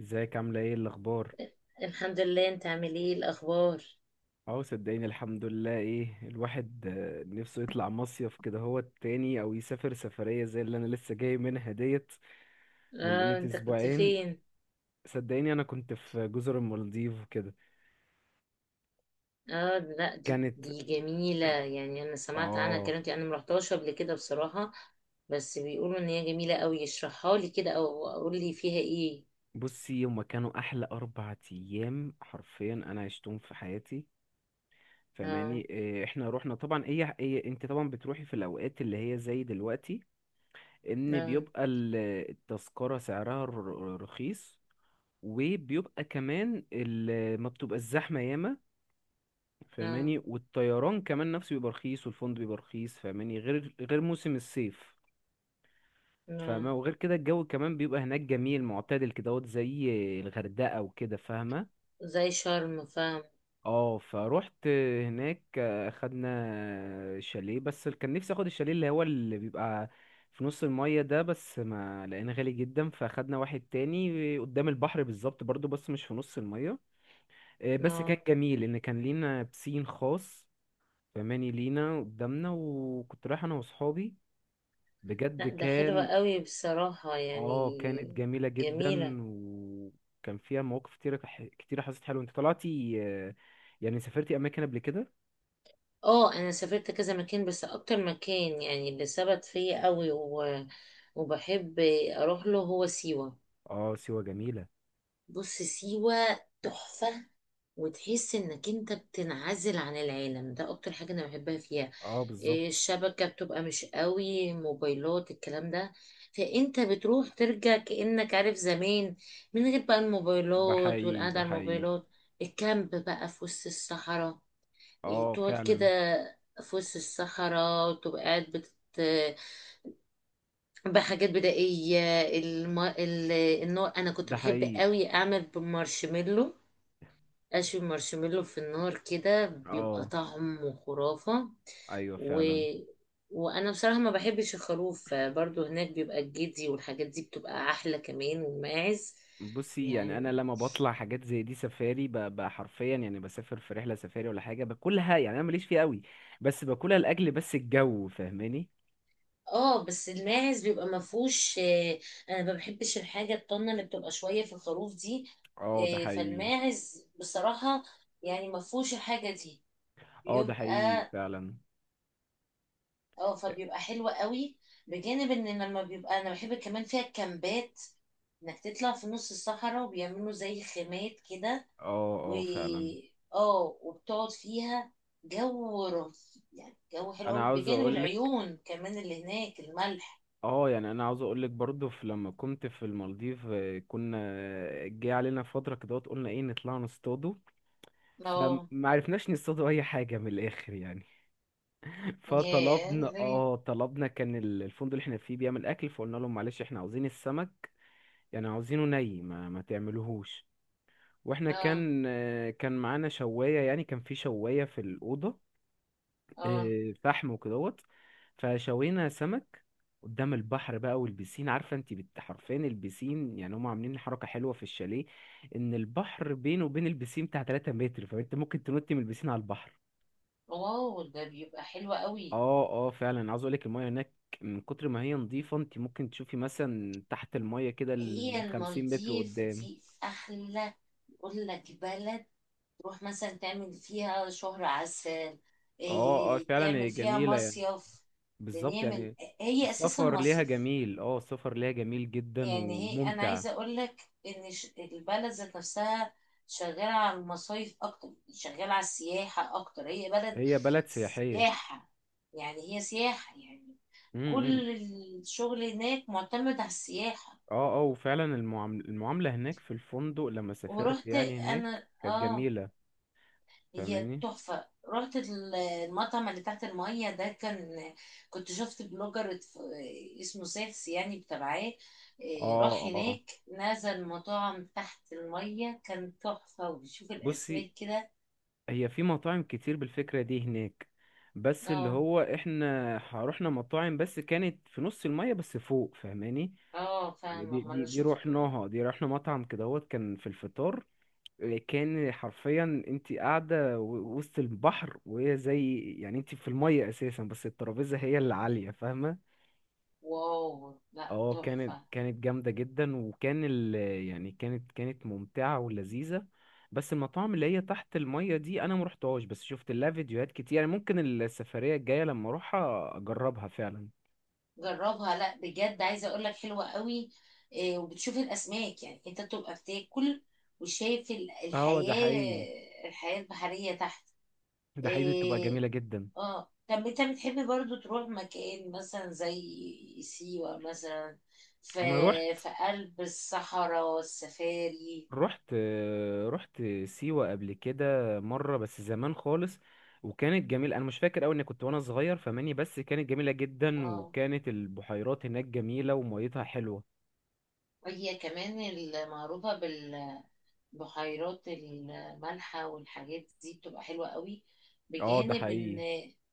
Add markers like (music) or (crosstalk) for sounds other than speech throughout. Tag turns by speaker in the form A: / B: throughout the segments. A: ازيك عاملة ايه الأخبار؟
B: الحمد لله، انت عامل ايه الاخبار؟
A: اه، صدقيني الحمد لله. ايه الواحد نفسه يطلع مصيف كده هو التاني أو يسافر سفرية زي اللي أنا لسه جاي منها ديت من
B: اه
A: قيمة
B: انت كنت
A: أسبوعين.
B: فين؟
A: صدقيني أنا كنت في جزر المالديف وكده.
B: اه لا دي,
A: كانت
B: دي جميلة، يعني انا سمعت عنها
A: اه،
B: كلام كتير. انا مرحتهاش قبل كده بصراحة. بس بيقولوا ان هي جميلة قوي، اشرحها لي كده او اقول لي فيها ايه.
A: بصي هما كانوا أحلى أربع أيام حرفيا أنا عشتهم في حياتي
B: اه،
A: فماني. احنا روحنا طبعا إيه انت طبعا بتروحي في الأوقات اللي هي زي دلوقتي ان
B: اه،
A: بيبقى التذكرة سعرها رخيص، وبيبقى كمان ما بتبقى الزحمة ياما
B: اه،
A: فاهماني، والطيران كمان نفسه بيبقى رخيص والفندق بيبقى رخيص فاهماني، غير موسم الصيف
B: اه،
A: فاهمة. وغير كده الجو كمان بيبقى هناك جميل معتدل كدهوت زي الغردقة وكده فاهمة.
B: زي شرم فاهم.
A: اه، فروحت هناك خدنا شاليه بس كان نفسي اخد الشاليه اللي هو اللي بيبقى في نص المية ده، بس ما لقينا غالي جدا فاخدنا واحد تاني قدام البحر بالظبط برضو بس مش في نص المية. بس
B: اه
A: كان جميل ان كان لينا بسين خاص فماني لينا قدامنا، وكنت رايح انا واصحابي بجد.
B: لا ده حلوة
A: كان
B: قوي بصراحة يعني.
A: اه، كانت جميلة جدا
B: جميلة.
A: وكان فيها مواقف كتيرة كتيرة. حسيت حلوة. انت طلعتي يعني سافرتي اماكن قبل كده؟
B: اه انا سافرت كذا مكان، بس اكتر مكان يعني اللي ثبت فيا قوي وبحب اروح له هو سيوة.
A: اه، سيوة جميلة.
B: بص سيوة تحفة، وتحس انك انت بتنعزل عن العالم، ده اكتر حاجة انا بحبها فيها.
A: اه
B: إيه،
A: بالظبط.
B: الشبكة بتبقى مش قوي، موبايلات الكلام ده، فانت بتروح ترجع كأنك عارف زمان، من غير بقى
A: ده
B: الموبايلات
A: حقيقي،
B: والقعدة
A: ده
B: على
A: حقيقي.
B: الموبايلات. الكامب بقى في وسط الصحراء، يعني
A: اه
B: تقعد كده
A: فعلا.
B: في وسط الصحراء، وتبقى قاعد بحاجات بدائية. النوع أنا كنت
A: ده
B: بحب
A: حقيقي.
B: قوي أعمل بالمارشميلو، أشوي المارشميلو في النار كده بيبقى
A: اه،
B: طعمه خرافة.
A: ايوه
B: و...
A: فعلا.
B: وأنا بصراحة ما بحبش الخروف، فبرضه هناك بيبقى الجدي والحاجات دي بتبقى أحلى كمان، والماعز
A: بصي يعني انا
B: يعني.
A: لما بطلع حاجات زي دي سفاري حرفيا يعني بسافر في رحله سفاري ولا حاجه باكلها، يعني انا ماليش فيها قوي بس باكلها لاجل بس الجو فاهماني.
B: اه بس الماعز بيبقى ما فيهوش، انا ما بحبش الحاجه الطنه اللي بتبقى شويه في الخروف دي.
A: اه ده حقيقي.
B: فالماعز بصراحه يعني ما فيهوش الحاجه دي،
A: اه ده حقيقي
B: بيبقى
A: فعلا.
B: اه فبيبقى حلو قوي. بجانب ان لما بيبقى انا بحب كمان فيها الكامبات، انك تطلع في نص الصحراء وبيعملوا زي خيمات كده،
A: اه
B: و
A: اه فعلا.
B: اه وبتقعد فيها، جو رهيب، يعني جو حلو
A: انا
B: قوي،
A: عاوز
B: بجانب
A: اقولك.
B: العيون كمان اللي هناك الملح.
A: اه، يعني انا عاوز اقولك برضو في لما كنت في المالديف كنا جه علينا فتره كده قلنا ايه نطلع نصطادوا. فما
B: اه.
A: عرفناش نصطادوا اي حاجه من الاخر يعني.
B: ياه
A: فطلبنا
B: ليه؟
A: اه، طلبنا كان الفندق اللي احنا فيه بيعمل اكل، فقلنا لهم معلش احنا عاوزين السمك يعني عاوزينه ما تعملوهوش. واحنا
B: اه،
A: كان كان معانا شوايه، يعني كان في شوايه في الاوضه.
B: اه.
A: فحم وكدهوت، فشوينا سمك قدام البحر بقى. والبسين عارفه انت حرفيا البسين يعني هم عاملين حركه حلوه في الشاليه، ان البحر بينه وبين البسين بتاع 3 متر، فانت ممكن تنطي من البسين على البحر.
B: واو ده بيبقى حلو قوي.
A: اه اه فعلا. عاوز اقولك المايه هناك من كتر ما هي نظيفة انت ممكن تشوفي مثلا تحت المايه كده
B: هي
A: الخمسين متر
B: المالديف
A: قدام.
B: دي احلى اقول لك بلد، تروح مثلا تعمل فيها شهر عسل،
A: اه اه
B: إيه
A: فعلا هي
B: تعمل فيها
A: جميلة يعني.
B: مصيف. لان
A: بالظبط
B: هي من،
A: يعني.
B: هي اساسا
A: السفر ليها
B: مصيف.
A: جميل. اه السفر ليها جميل جدا
B: يعني هي انا
A: وممتع.
B: عايزه اقول لك ان البلد ذات نفسها شغاله على المصايف اكتر، شغاله على السياحه اكتر، هي بلد
A: هي بلد سياحية.
B: سياحه. يعني هي سياحه يعني،
A: امم.
B: كل الشغل هناك معتمد على السياحه.
A: اه اه وفعلا المعاملة هناك في الفندق لما سافرت
B: ورحت
A: يعني هناك
B: انا
A: كانت
B: اه،
A: جميلة
B: هي
A: فاهماني.
B: تحفة. رحت المطعم اللي تحت المية ده، كان كنت شفت بلوجر اسمه سيفس يعني بتابعاه.
A: اه
B: إيه، راح
A: اه
B: هناك نزل مطاعم تحت المية، كان تحفة وبيشوف
A: بصي،
B: الأسماك كده.
A: هي في مطاعم كتير بالفكرة دي هناك، بس اللي
B: اه،
A: هو احنا رحنا مطاعم بس كانت في نص المية بس فوق فاهماني.
B: اه
A: يعني
B: فاهمة
A: دي
B: ما انا
A: دي دي
B: شفته.
A: رحناها. دي رحنا مطعم كدهوت كان في الفطار. إيه، كان حرفيا انت قاعدة وسط البحر، وهي زي يعني انت في المية اساسا بس الترابيزة هي اللي عالية فاهمة؟
B: واو لا
A: اه كانت
B: تحفة.
A: كانت جامدة جدا، وكان ال، يعني كانت ممتعة ولذيذة. بس المطاعم اللي هي تحت المية دي انا مروحتهاش، بس شفت لها فيديوهات كتير. يعني ممكن السفرية الجاية لما اروحها اجربها فعلا.
B: جربها لا بجد عايزة اقولك حلوة قوي. إيه، وبتشوف الأسماك، يعني انت بتبقى بتاكل وشايف
A: اه ده حقيقي.
B: الحياة البحرية تحت.
A: ده حقيقي، بتبقى
B: إيه.
A: جميلة جدا.
B: اه طب انت بتحب برضو تروح مكان مثلا زي سيوة مثلا، في
A: انا رحت.
B: في قلب الصحراء والسفاري.
A: رحت رحت سيوة قبل كده، مرة بس زمان خالص. وكانت جميلة. انا مش فاكر قوي اني كنت وانا صغير فماني، بس كانت جميلة جدا،
B: اه
A: وكانت البحيرات هناك جميلة وميتها حلوة.
B: وهي كمان المعروفة بالبحيرات المالحة، والحاجات دي بتبقى حلوة قوي.
A: اه ده
B: بجانب ان،
A: حقيقي.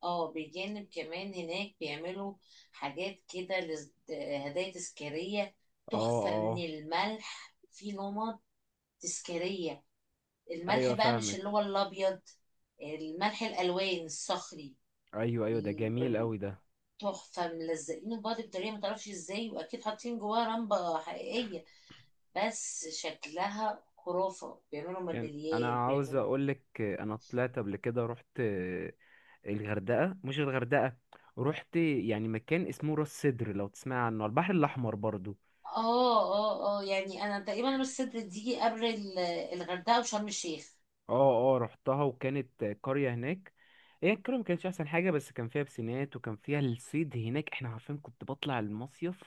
B: اه بجانب كمان هناك بيعملوا حاجات كده، هدايا تذكارية
A: اه
B: تحفة
A: اه
B: من الملح، في نمط تذكارية.
A: ايوه
B: الملح بقى مش اللي
A: فاهمك.
B: هو الابيض، الملح الالوان الصخري.
A: ايوه ايوه، ده
B: ال-
A: جميل
B: ال-
A: قوي ده.
B: تحفه ملزقينه في بعض بطريقه ما تعرفش ازاي، واكيد حاطين جواها رمبه حقيقيه، بس شكلها خرافه. بيعملوا
A: يعني
B: ميداليات
A: انا عاوز
B: بيعملوا.
A: اقولك، انا طلعت قبل كده. رحت الغردقه، مش الغردقه، رحت يعني مكان اسمه راس سدر لو تسمع عنه، على البحر الاحمر برضو.
B: اه، اه، اه يعني انا تقريبا راس سدر دي قبل الغردقه وشرم الشيخ.
A: اه اه رحتها. وكانت قريه هناك. هي القريه ما كانتش احسن حاجه، بس كان فيها بسينات وكان فيها الصيد هناك. احنا عارفين كنت بطلع المصيف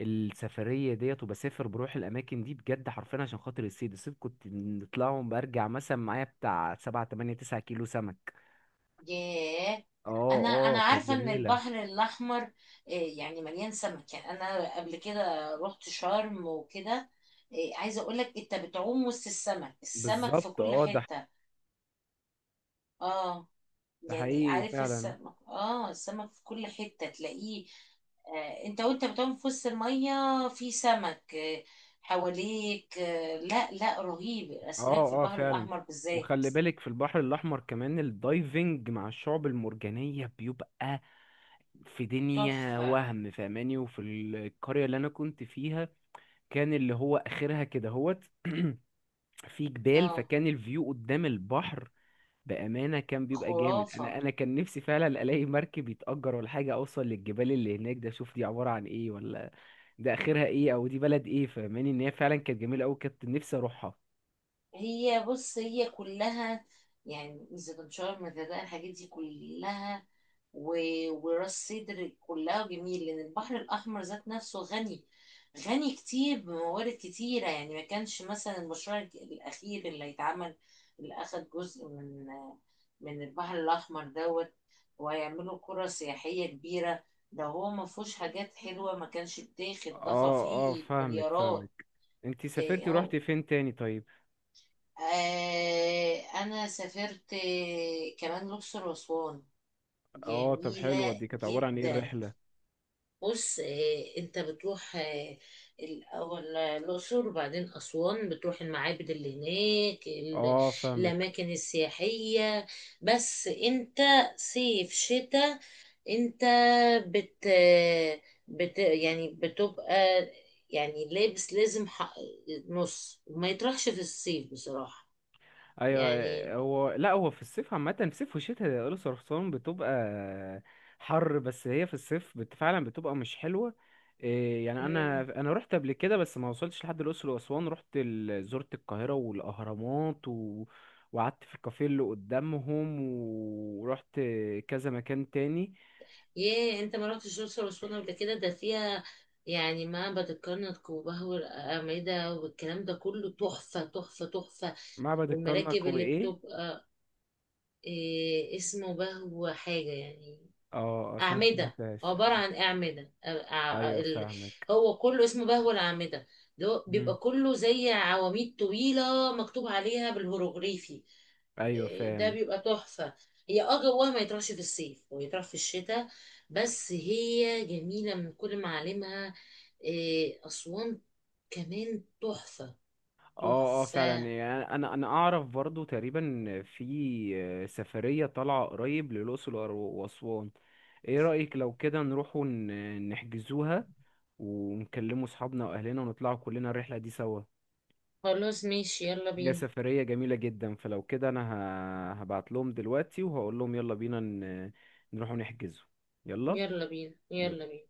A: السفرية ديت وبسافر بروح الأماكن دي بجد حرفيا عشان خاطر الصيد. الصيد كنت نطلعهم برجع مثلا معايا بتاع سبعة تمانية تسعة كيلو سمك.
B: ياه
A: اه
B: انا
A: اه كانت
B: عارفه ان
A: جميلة.
B: البحر الاحمر، يعني مليان سمك. يعني انا قبل كده رحت شرم وكده، عايزه اقول لك انت بتعوم وسط السمك، السمك في
A: بالظبط.
B: كل
A: اه ده،
B: حته. اه
A: ده
B: يعني
A: حقيقي
B: عارف
A: فعلا.
B: السمك، اه السمك في كل حته تلاقيه. انت وانت بتعوم في وسط الميه، في سمك حواليك. لا لا رهيب الاسماك في
A: اه اه
B: البحر
A: فعلا.
B: الاحمر بالذات.
A: وخلي بالك في البحر الأحمر كمان الدايفنج مع الشعب المرجانية بيبقى في دنيا
B: تحفه.
A: وهم فاهماني. وفي القرية اللي أنا كنت فيها كان اللي هو آخرها كده هوت (clears throat) في جبال،
B: اه
A: فكان الفيو قدام البحر بأمانة كان بيبقى جامد.
B: خرافه.
A: أنا كان نفسي فعلا ألاقي مركب يتأجر ولا حاجة أوصل للجبال اللي هناك ده، أشوف دي عبارة عن إيه، ولا ده آخرها إيه أو دي بلد إيه فاهماني. إن هي فعلا كانت جميلة أوي، كنت نفسي أروحها.
B: هي بص هي كلها يعني زيتونشار مزازة، الحاجات دي كلها، و... وراس سدر كلها جميل، لان البحر الاحمر ذات نفسه غني، غني كتير بموارد كتيره. يعني ما كانش مثلا المشروع الاخير اللي هيتعمل، اللي اخد جزء من البحر الاحمر دوت، وهيعملوا قرى سياحيه كبيره. ده هو ما فيهوش حاجات حلوه، ما كانش بتاخد ضفع فيه
A: فاهمك
B: مليارات.
A: فاهمك. أنتي سافرتي
B: إيه هو،
A: روحتي فين تاني طيب؟
B: انا سافرت كمان الاقصر واسوان،
A: آه طب حلوة،
B: جميله
A: دي كانت عبارة عن إيه
B: جدا.
A: الرحلة؟
B: بص انت بتروح الاول الاقصر وبعدين اسوان، بتروح المعابد اللي هناك
A: آه فاهمك.
B: الاماكن السياحيه. بس انت صيف شتاء، انت بت بت يعني بتبقى، يعني لابس لازم حق نص، وما يطرحش في الصيف بصراحه،
A: ايوه
B: يعني.
A: هو لا، هو في الصيف عامه، في الصيف والشتاء يا الاقصر واسوان بتبقى حر، بس هي في الصيف فعلا بتبقى مش حلوه. إيه يعني، انا
B: امم.
A: انا رحت قبل كده بس ما وصلتش لحد الاقصر واسوان. رحت زرت القاهره والاهرامات، و... وقعدت في الكافيه اللي قدامهم، ورحت كذا مكان تاني.
B: ياه انت ما رحتش الاقصر واسوان قبل كده؟ ده فيها يعني معبد الكرنك وبهو الأعمدة، والكلام ده كله تحفة تحفة تحفة.
A: معبد الكرنك
B: والمراكب اللي
A: وايه؟
B: بتبقى إيه اسمه، بهو حاجة يعني،
A: اه اصلا ما
B: أعمدة
A: سمعتهاش.
B: عبارة عن أعمدة
A: ايوه
B: ال-
A: فاهمك.
B: هو كله اسمه بهو الأعمدة. ده هو بيبقى
A: مم.
B: كله زي عواميد طويلة مكتوب عليها بالهيروغليفي.
A: ايوه
B: إيه، ده
A: فاهم.
B: بيبقى تحفة. هي اه جواها ما يطرحش في الصيف، هو يطرح في الشتاء. بس هي جميلة من كل معالمها. إيه، أسوان كمان تحفة.
A: اه اه فعلا.
B: تحفة.
A: يعني انا اعرف برضو تقريبا في سفرية طالعة قريب للأقصر وأسوان. ايه رأيك لو كده نروح نحجزوها، ونكلموا اصحابنا واهلنا ونطلعوا كلنا الرحلة دي سوا؟
B: خلاص ماشي يلا
A: هي
B: بينا.
A: سفرية جميلة جدا، فلو كده انا هبعت لهم دلوقتي وهقول لهم يلا بينا نروحوا نحجزوا. يلا.
B: يلا بينا. يلا بينا.